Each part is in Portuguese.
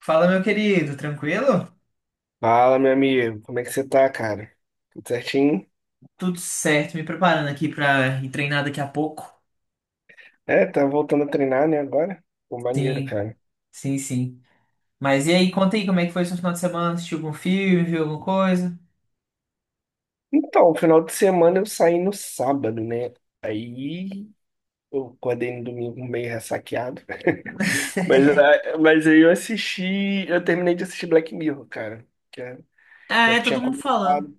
Fala, meu querido, tranquilo? Fala, meu amigo, como é que você tá, cara? Tudo certinho? Tudo certo, me preparando aqui pra ir treinar daqui a pouco. É, tá voltando a treinar, né, agora? Pô, maneiro, Sim, cara. sim. Mas e aí, conta aí como é que foi seu final de semana? Assistiu algum filme, viu alguma coisa? Então, final de semana eu saí no sábado, né? Aí eu acordei no domingo meio ressaqueado. Mas aí eu terminei de assistir Black Mirror, cara. Que é- Ah, Já é, todo tinha mundo falando. começado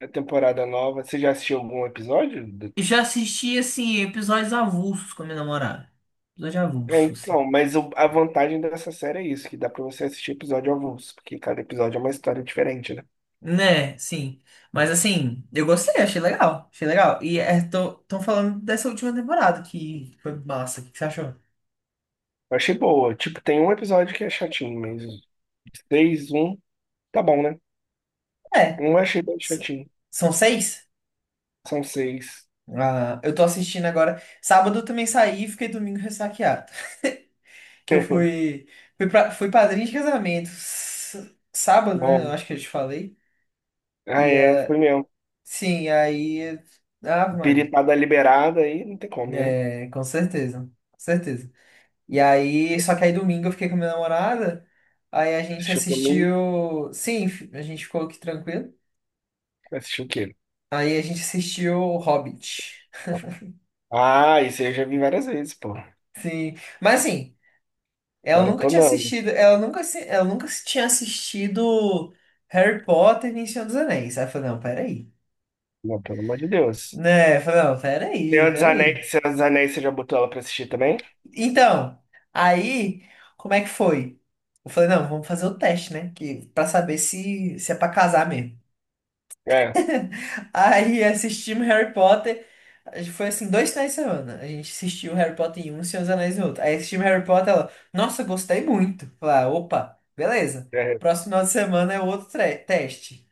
a temporada nova. Você já assistiu algum episódio? Eu já assisti, assim, episódios avulsos com a minha namorada. Episódio É, avulso, assim. então, a vantagem dessa série é isso, que dá pra você assistir episódio avulso, porque cada episódio é uma história diferente, né? Né, sim. Mas assim, eu gostei, achei legal. Achei legal. Tão falando dessa última temporada que foi massa. O que que você achou? Eu achei boa. Tipo, tem um episódio que é chatinho, mas seis, um, tá bom, né? É, Um eu achei bem s- chatinho. São seis? São seis. Ah, eu tô assistindo agora. Sábado eu também saí e fiquei domingo ressaqueado. Que eu fui padrinho de casamento. Sábado, né? Eu Não. acho que eu te falei. Ah, E é, foi ah, mesmo. sim, aí. Ave Maria. Biripada liberada aí, não tem como, né? É, com certeza. Com certeza. E aí, só que aí domingo eu fiquei com a minha namorada. Aí a gente Assistiu por mim, assistiu. Sim, a gente ficou aqui tranquilo. assistiu o quê? Aí a gente assistiu Hobbit. Ah, isso aí eu já vi várias vezes, pô. Sim. Mas assim. Maratonando. Ela nunca se tinha assistido Harry Potter e Senhor dos Anéis. Aí eu falei, não, peraí. Não, pelo amor de Deus. Né? Eu falei, não, peraí, peraí. Senhor dos Anéis, você já botou ela pra assistir também? Então, aí, como é que foi? Eu falei, não, vamos fazer o teste, né? Pra saber se é pra casar mesmo. É, Aí assistimos Harry Potter. Foi assim, dois finais de semana. A gente assistiu Harry Potter em um e Senhor dos Anéis em outro. Aí assistimos Harry Potter, ela, nossa, gostei muito. Falei, "Ah, opa, beleza. é. Próximo final de semana é outro teste."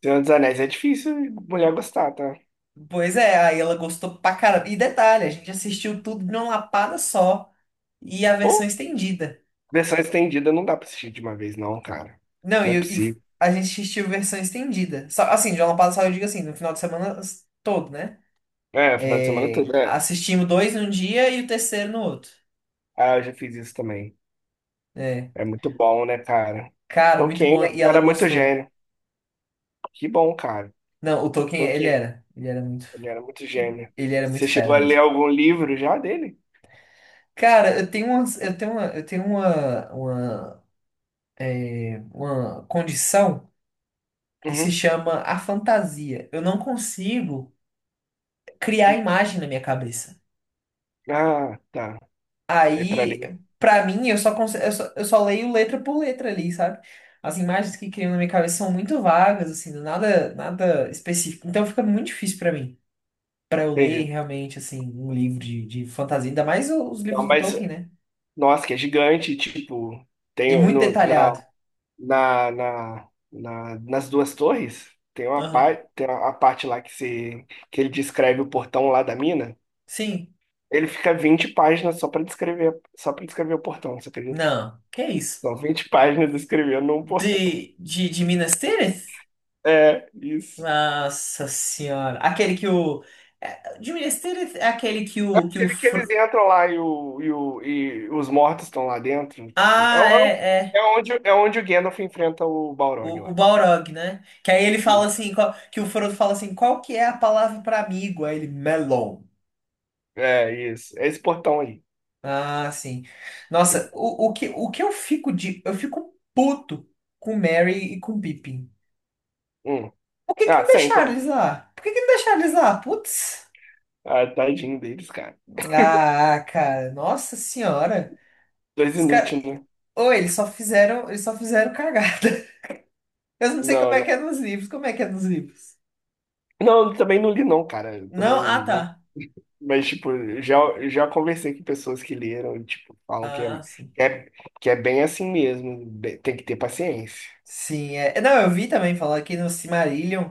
Senhor dos Anéis é difícil mulher gostar, tá? Pois é, aí ela gostou pra caramba. E detalhe, a gente assistiu tudo de uma lapada só. E a versão Pô, estendida. versão estendida não dá pra assistir de uma vez, não, cara. Não, Não é e, e possível. a gente assistiu versão estendida. Só, assim, de uma lapada só, eu digo assim, no final de semana todo, né? É, final de semana É, tudo é. assistimos dois num dia e o terceiro no outro. Ah, eu já fiz isso também. É. É muito bom, né, cara? Cara, muito Tolkien bom. E ela era muito gostou. gênio. Que bom, cara. Não, o Tolkien, ele Tolkien, era. Ele era muito gênio. Ele era muito Você chegou fera a ler mesmo. algum livro já dele? Cara, eu tenho umas, eu tenho uma condição que se Uhum. chama a fantasia. Eu não consigo criar imagem na minha cabeça. Ah, tá. É pra Aí, ler. pra mim, eu só, conse- eu só leio letra por letra ali, sabe? As imagens que criam na minha cabeça são muito vagas, assim, nada específico. Então fica muito difícil pra mim para eu ler Entendi. realmente, assim, um livro de fantasia, ainda mais os Não, livros do mas, Tolkien, né? nossa, que é gigante. Tipo, E tem muito no, na detalhado. na, na, na- nas duas torres, tem uma Aham. parte, tem a parte lá que, se, que ele descreve o portão lá da mina. Sim. Ele fica 20 páginas só para descrever o portão, você acredita? Não. Que isso? São 20 páginas descrevendo um portão. De Minas Tirith? É, isso. Nossa senhora. Aquele que o. É, de Minas Tirith é aquele que É o. Que o aquele que eles entram lá e os mortos estão lá dentro. Ah, é, é. É onde, é onde o Gandalf enfrenta o Balrog O lá. Balrog, né? Que aí ele fala Isso. assim, qual- que o Frodo fala assim, qual que é a palavra para amigo? Aí ele, melon. É, isso. É esse portão aí. Ah, sim. Nossa, o que eu fico de. Eu fico puto com Mary e com Pippin. Hum. Por que que Ah, não sempre. deixaram eles lá? Por que que não deixaram eles lá? Putz. Ah, tadinho deles, cara. Ah, cara, nossa senhora. Dois Os caras. inútil, né? Ou eles só fizeram cagada. Eu não sei como Não, é que é não. nos livros. Como é que é nos livros? Não, eu também não li, não, cara. Eu Não, ah, também, mas, tá. mas, tipo, já, já conversei com pessoas que leram e, tipo, falam Ah, sim. que é, que é bem assim mesmo. Tem que ter paciência. Sim, é. É, não, eu vi também falar que no Silmarillion.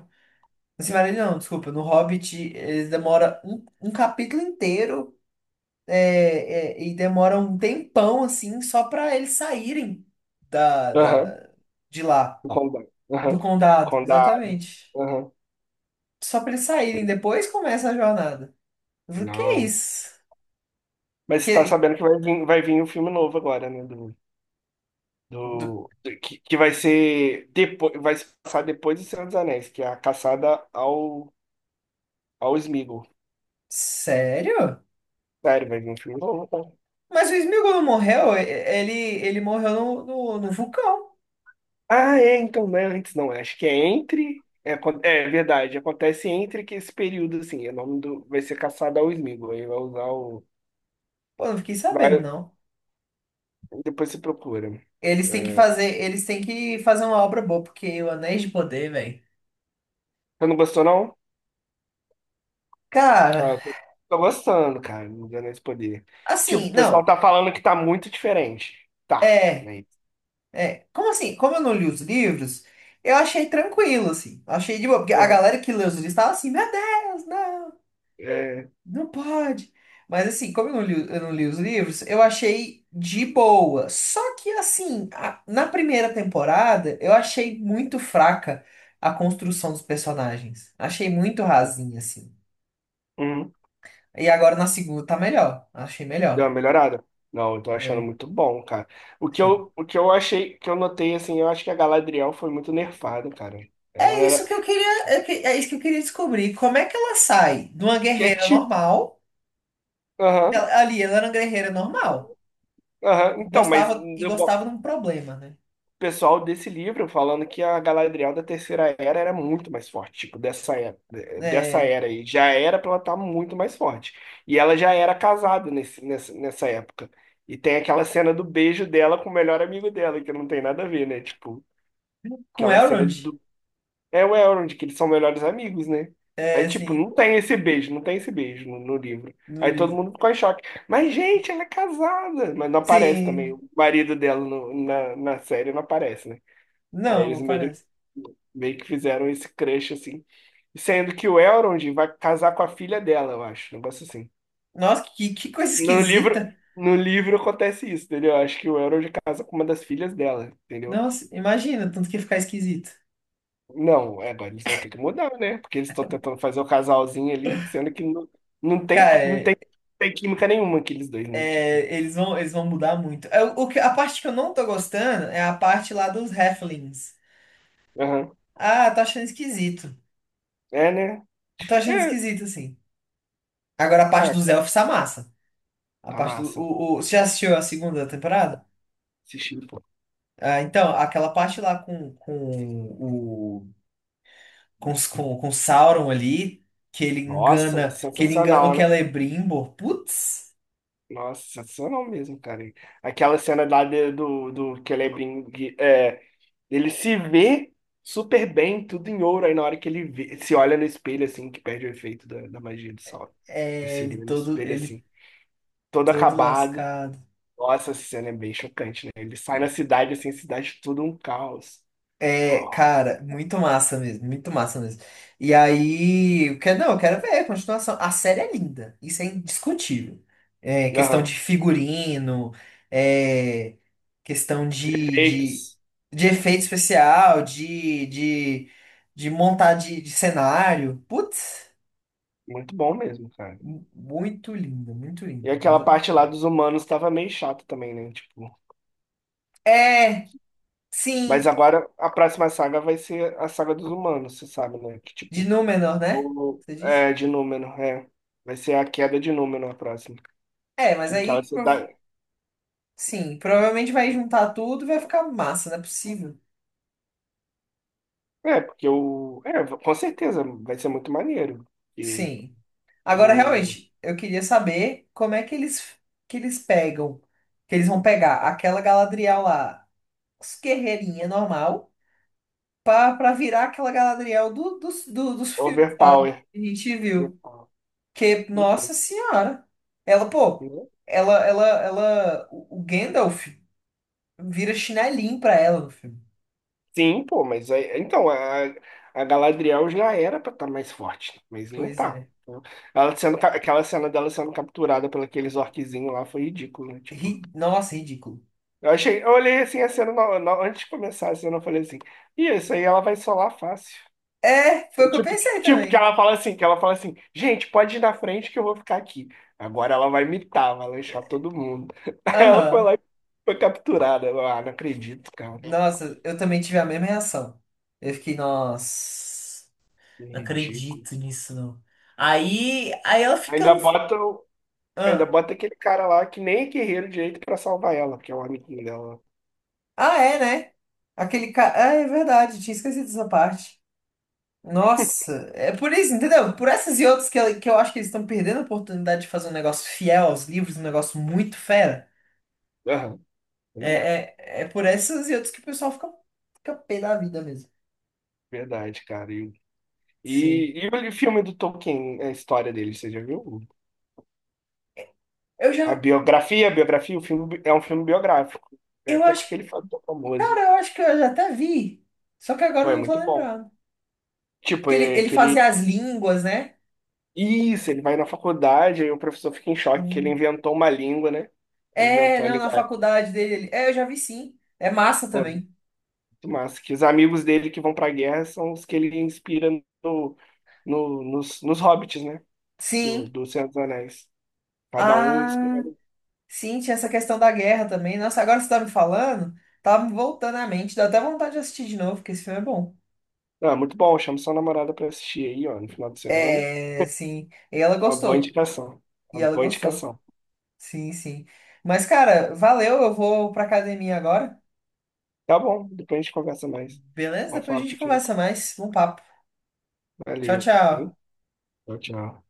No Silmarillion, não, desculpa, no Hobbit, eles demoram um capítulo inteiro. É, é, e demora um tempão, assim, só para eles saírem da, Aham, da, de lá, condado. do Aham, condado, condado. exatamente. Aham. Só para eles saírem, depois começa a jornada. Eu falei, que Não. isso? Mas você tá Que, sabendo que vai vir um filme novo agora, né? Do do- do do- que vai ser depois, vai se passar depois de Senhor dos Anéis, que é a caçada ao Sméagol. sério? Sério, vai vir um filme novo, tá? Mas o Sméagol não morreu? E- Ele, ele morreu no vulcão. Ah, é, então não é antes, não. É, acho que é entre. É, é verdade, acontece entre que esse período, assim, o nome do, vai ser caçada ao Sméagol, aí vai usar o. Pô, não fiquei sabendo, Vai, não. depois você procura. É, Eles têm que fazer uma obra boa, porque o Anéis de Poder, velho. você não gostou, não? Cara, Ah, tô gostando, cara, não deu esse poder. Tipo, assim, o pessoal não. tá falando que tá muito diferente. Tá, É. né? É, como assim? Como eu não li os livros, eu achei tranquilo, assim. Achei de boa, porque a Aham, galera que lê os livros tava assim, meu Deus, não, é, não pode. Mas assim, como eu não li os livros, eu achei de boa. Só que assim, na primeira temporada, eu achei muito fraca a construção dos personagens. Achei muito rasinha, assim. uhum. E agora na segunda tá melhor. Achei melhor. Deu uma melhorada? Não, eu tô achando É, muito bom, cara. Sim. O que eu achei, que eu notei, assim, eu acho que a Galadriel foi muito nerfada, cara. Ela É isso era. que eu queria, é é isso que eu queria descobrir. Como é que ela sai de uma Que é guerreira tipo. normal? Aham. Ali, ela era uma guerreira normal. Aham. Então, mas Gostava o e gostava de um problema, né? pessoal desse livro falando que a Galadriel da Terceira Era era muito mais forte, tipo, dessa É, era aí. Já era pra ela estar muito mais forte. E ela já era casada nessa época. E tem aquela cena do beijo dela com o melhor amigo dela, que não tem nada a ver, né? Tipo, com aquela cena de Elrond, é o Elrond, que eles são melhores amigos, né? Aí, é tipo, sim. Não tem esse beijo no livro. No Aí todo livro. mundo ficou em choque. Mas, gente, ela é casada. Mas não aparece também. Sim, O marido dela na, na série não aparece, né? Aí não, eles não meio, parece. meio que fizeram esse crush, assim. Sendo que o Elrond vai casar com a filha dela, eu acho. Um negócio assim. Nossa, que coisa No livro, esquisita. no livro acontece isso, entendeu? Eu acho que o Elrond casa com uma das filhas dela, entendeu? Nossa, imagina, tanto que ia ficar esquisito. Não, é, agora eles vão ter que mudar, né? Porque eles estão tentando fazer o casalzinho ali, sendo que não, não tem, Cara, não tem, tem química nenhuma aqueles dois, né? Tipo, é, eles vão mudar muito. É, o que, a parte que eu não tô gostando é a parte lá dos Halflings. aham. Ah, tô achando esquisito. É, né? Tô achando É, esquisito, assim. Agora a parte ah, dos tá elfos tá massa. A tá parte do. massa. Você já assistiu a segunda temporada? Assisti, pô. Ah, então, aquela parte lá com o com, os- com o Sauron ali, Nossa, que ele engana o sensacional, né? Celebrimbor. Putz, Nossa, sensacional mesmo, cara. Aquela cena lá de- do, do que ele é, brin- que, é, Ele se vê super bem, tudo em ouro, aí na hora que se olha no espelho, assim, que perde o efeito da magia do sol. Ele é, se vê no espelho, ele assim todo todo acabado. lascado. Nossa, essa cena é bem chocante, né? Ele sai na cidade, assim, a cidade tudo um caos. É, Ó, cara, muito massa mesmo. E aí, eu quero, não, eu quero ver a continuação. A série é linda, isso é indiscutível. É, questão de aham. figurino, é, questão Efeitos. de efeito especial, de cenário. Putz, Muito bom mesmo, cara. Muito E linda. aquela parte lá dos humanos tava meio chata também, né? Tipo. É, Mas sim, agora a próxima saga vai ser a saga dos humanos, você sabe, né? Que de tipo. Númenor, né? O... Você disse? É, de Númenor, é. Vai ser a queda de Númenor a próxima. É, mas Que aquela aí. cidade. Sim, provavelmente vai juntar tudo e vai ficar massa, não é possível. É, porque o. É, com certeza, vai ser muito maneiro. E Sim. Agora, o realmente, eu queria saber como é que que eles pegam, que eles vão pegar aquela Galadriel lá, os guerreirinha normal, pra virar aquela Galadriel dos filmes, sabe? overpower. Que a gente viu. Overpower. Que, Então. nossa senhora, ela, pô, Né? ela, o Gandalf vira chinelinho pra ela no filme. Sim, pô, mas aí, então a Galadriel já era pra estar mais forte, mas não Pois tá. é. Então, ela sendo, aquela cena dela sendo capturada por aqueles orquezinhos lá foi ridículo, né? Tipo, Ri- Nossa, ridículo. eu achei, eu olhei assim a cena antes de começar a cena, eu falei assim, e isso aí ela vai solar fácil. É, foi É o que eu tipo, pensei também. Que ela fala assim, gente, pode ir na frente que eu vou ficar aqui. Agora ela vai mitar, vai lanchar todo mundo. Aí ela foi Aham. lá e foi capturada. Eu, ah, não acredito, cara. Nossa, eu também tive a mesma reação. Eu fiquei, nossa, Que não ridículo. acredito nisso, não. Aí ela fica. Ainda bota. Ainda Ah, bota aquele cara lá que nem é guerreiro direito pra salvar ela, porque é o amiguinho dela. É, né? Aquele cara. Ah, é verdade, tinha esquecido dessa parte. Nossa, é por isso, entendeu? Por essas e outras que eu acho que eles estão perdendo a oportunidade de fazer um negócio fiel aos livros, um negócio muito fera. Aham, pois é, É, é por essas e outras que o pessoal fica, fica pé da vida mesmo. verdade, cara. Sim. E o filme do Tolkien, a história dele, você já viu? Eu já. A biografia, o filme é um filme biográfico. É, Eu até com acho aquele fator famoso. Cara, eu acho que eu já até vi. Só que agora Pô, eu é não tô muito bom. lembrando. Tipo, Que é ele aquele. fazia as línguas, né? Isso, ele vai na faculdade, aí o professor fica em choque que ele Hum. inventou uma língua, né? Ele É, inventou a não, na língua. faculdade dele. É, eu já vi sim. É massa Pô, também. muito massa. Que os amigos dele que vão pra guerra são os que ele inspira no, nos hobbits, né? Sim. Do Senhor dos Anéis. Cada um Ah, escolhe. sim, tinha essa questão da guerra também. Nossa, agora você tá me falando, tá me voltando à mente. Dá até vontade de assistir de novo, porque esse filme é bom. Ah, muito bom, chama sua namorada pra assistir aí, ó, no final de semana. É, sim. E ela Uma boa gostou. indicação. E Uma ela boa gostou. indicação. Sim, sim. Mas, cara, valeu. Eu vou pra academia agora. Tá bom, depois a gente conversa mais. Beleza? Vamos Depois a falar gente contigo. conversa mais. Um papo. Tchau, Valeu. tchau. Tchau, tchau.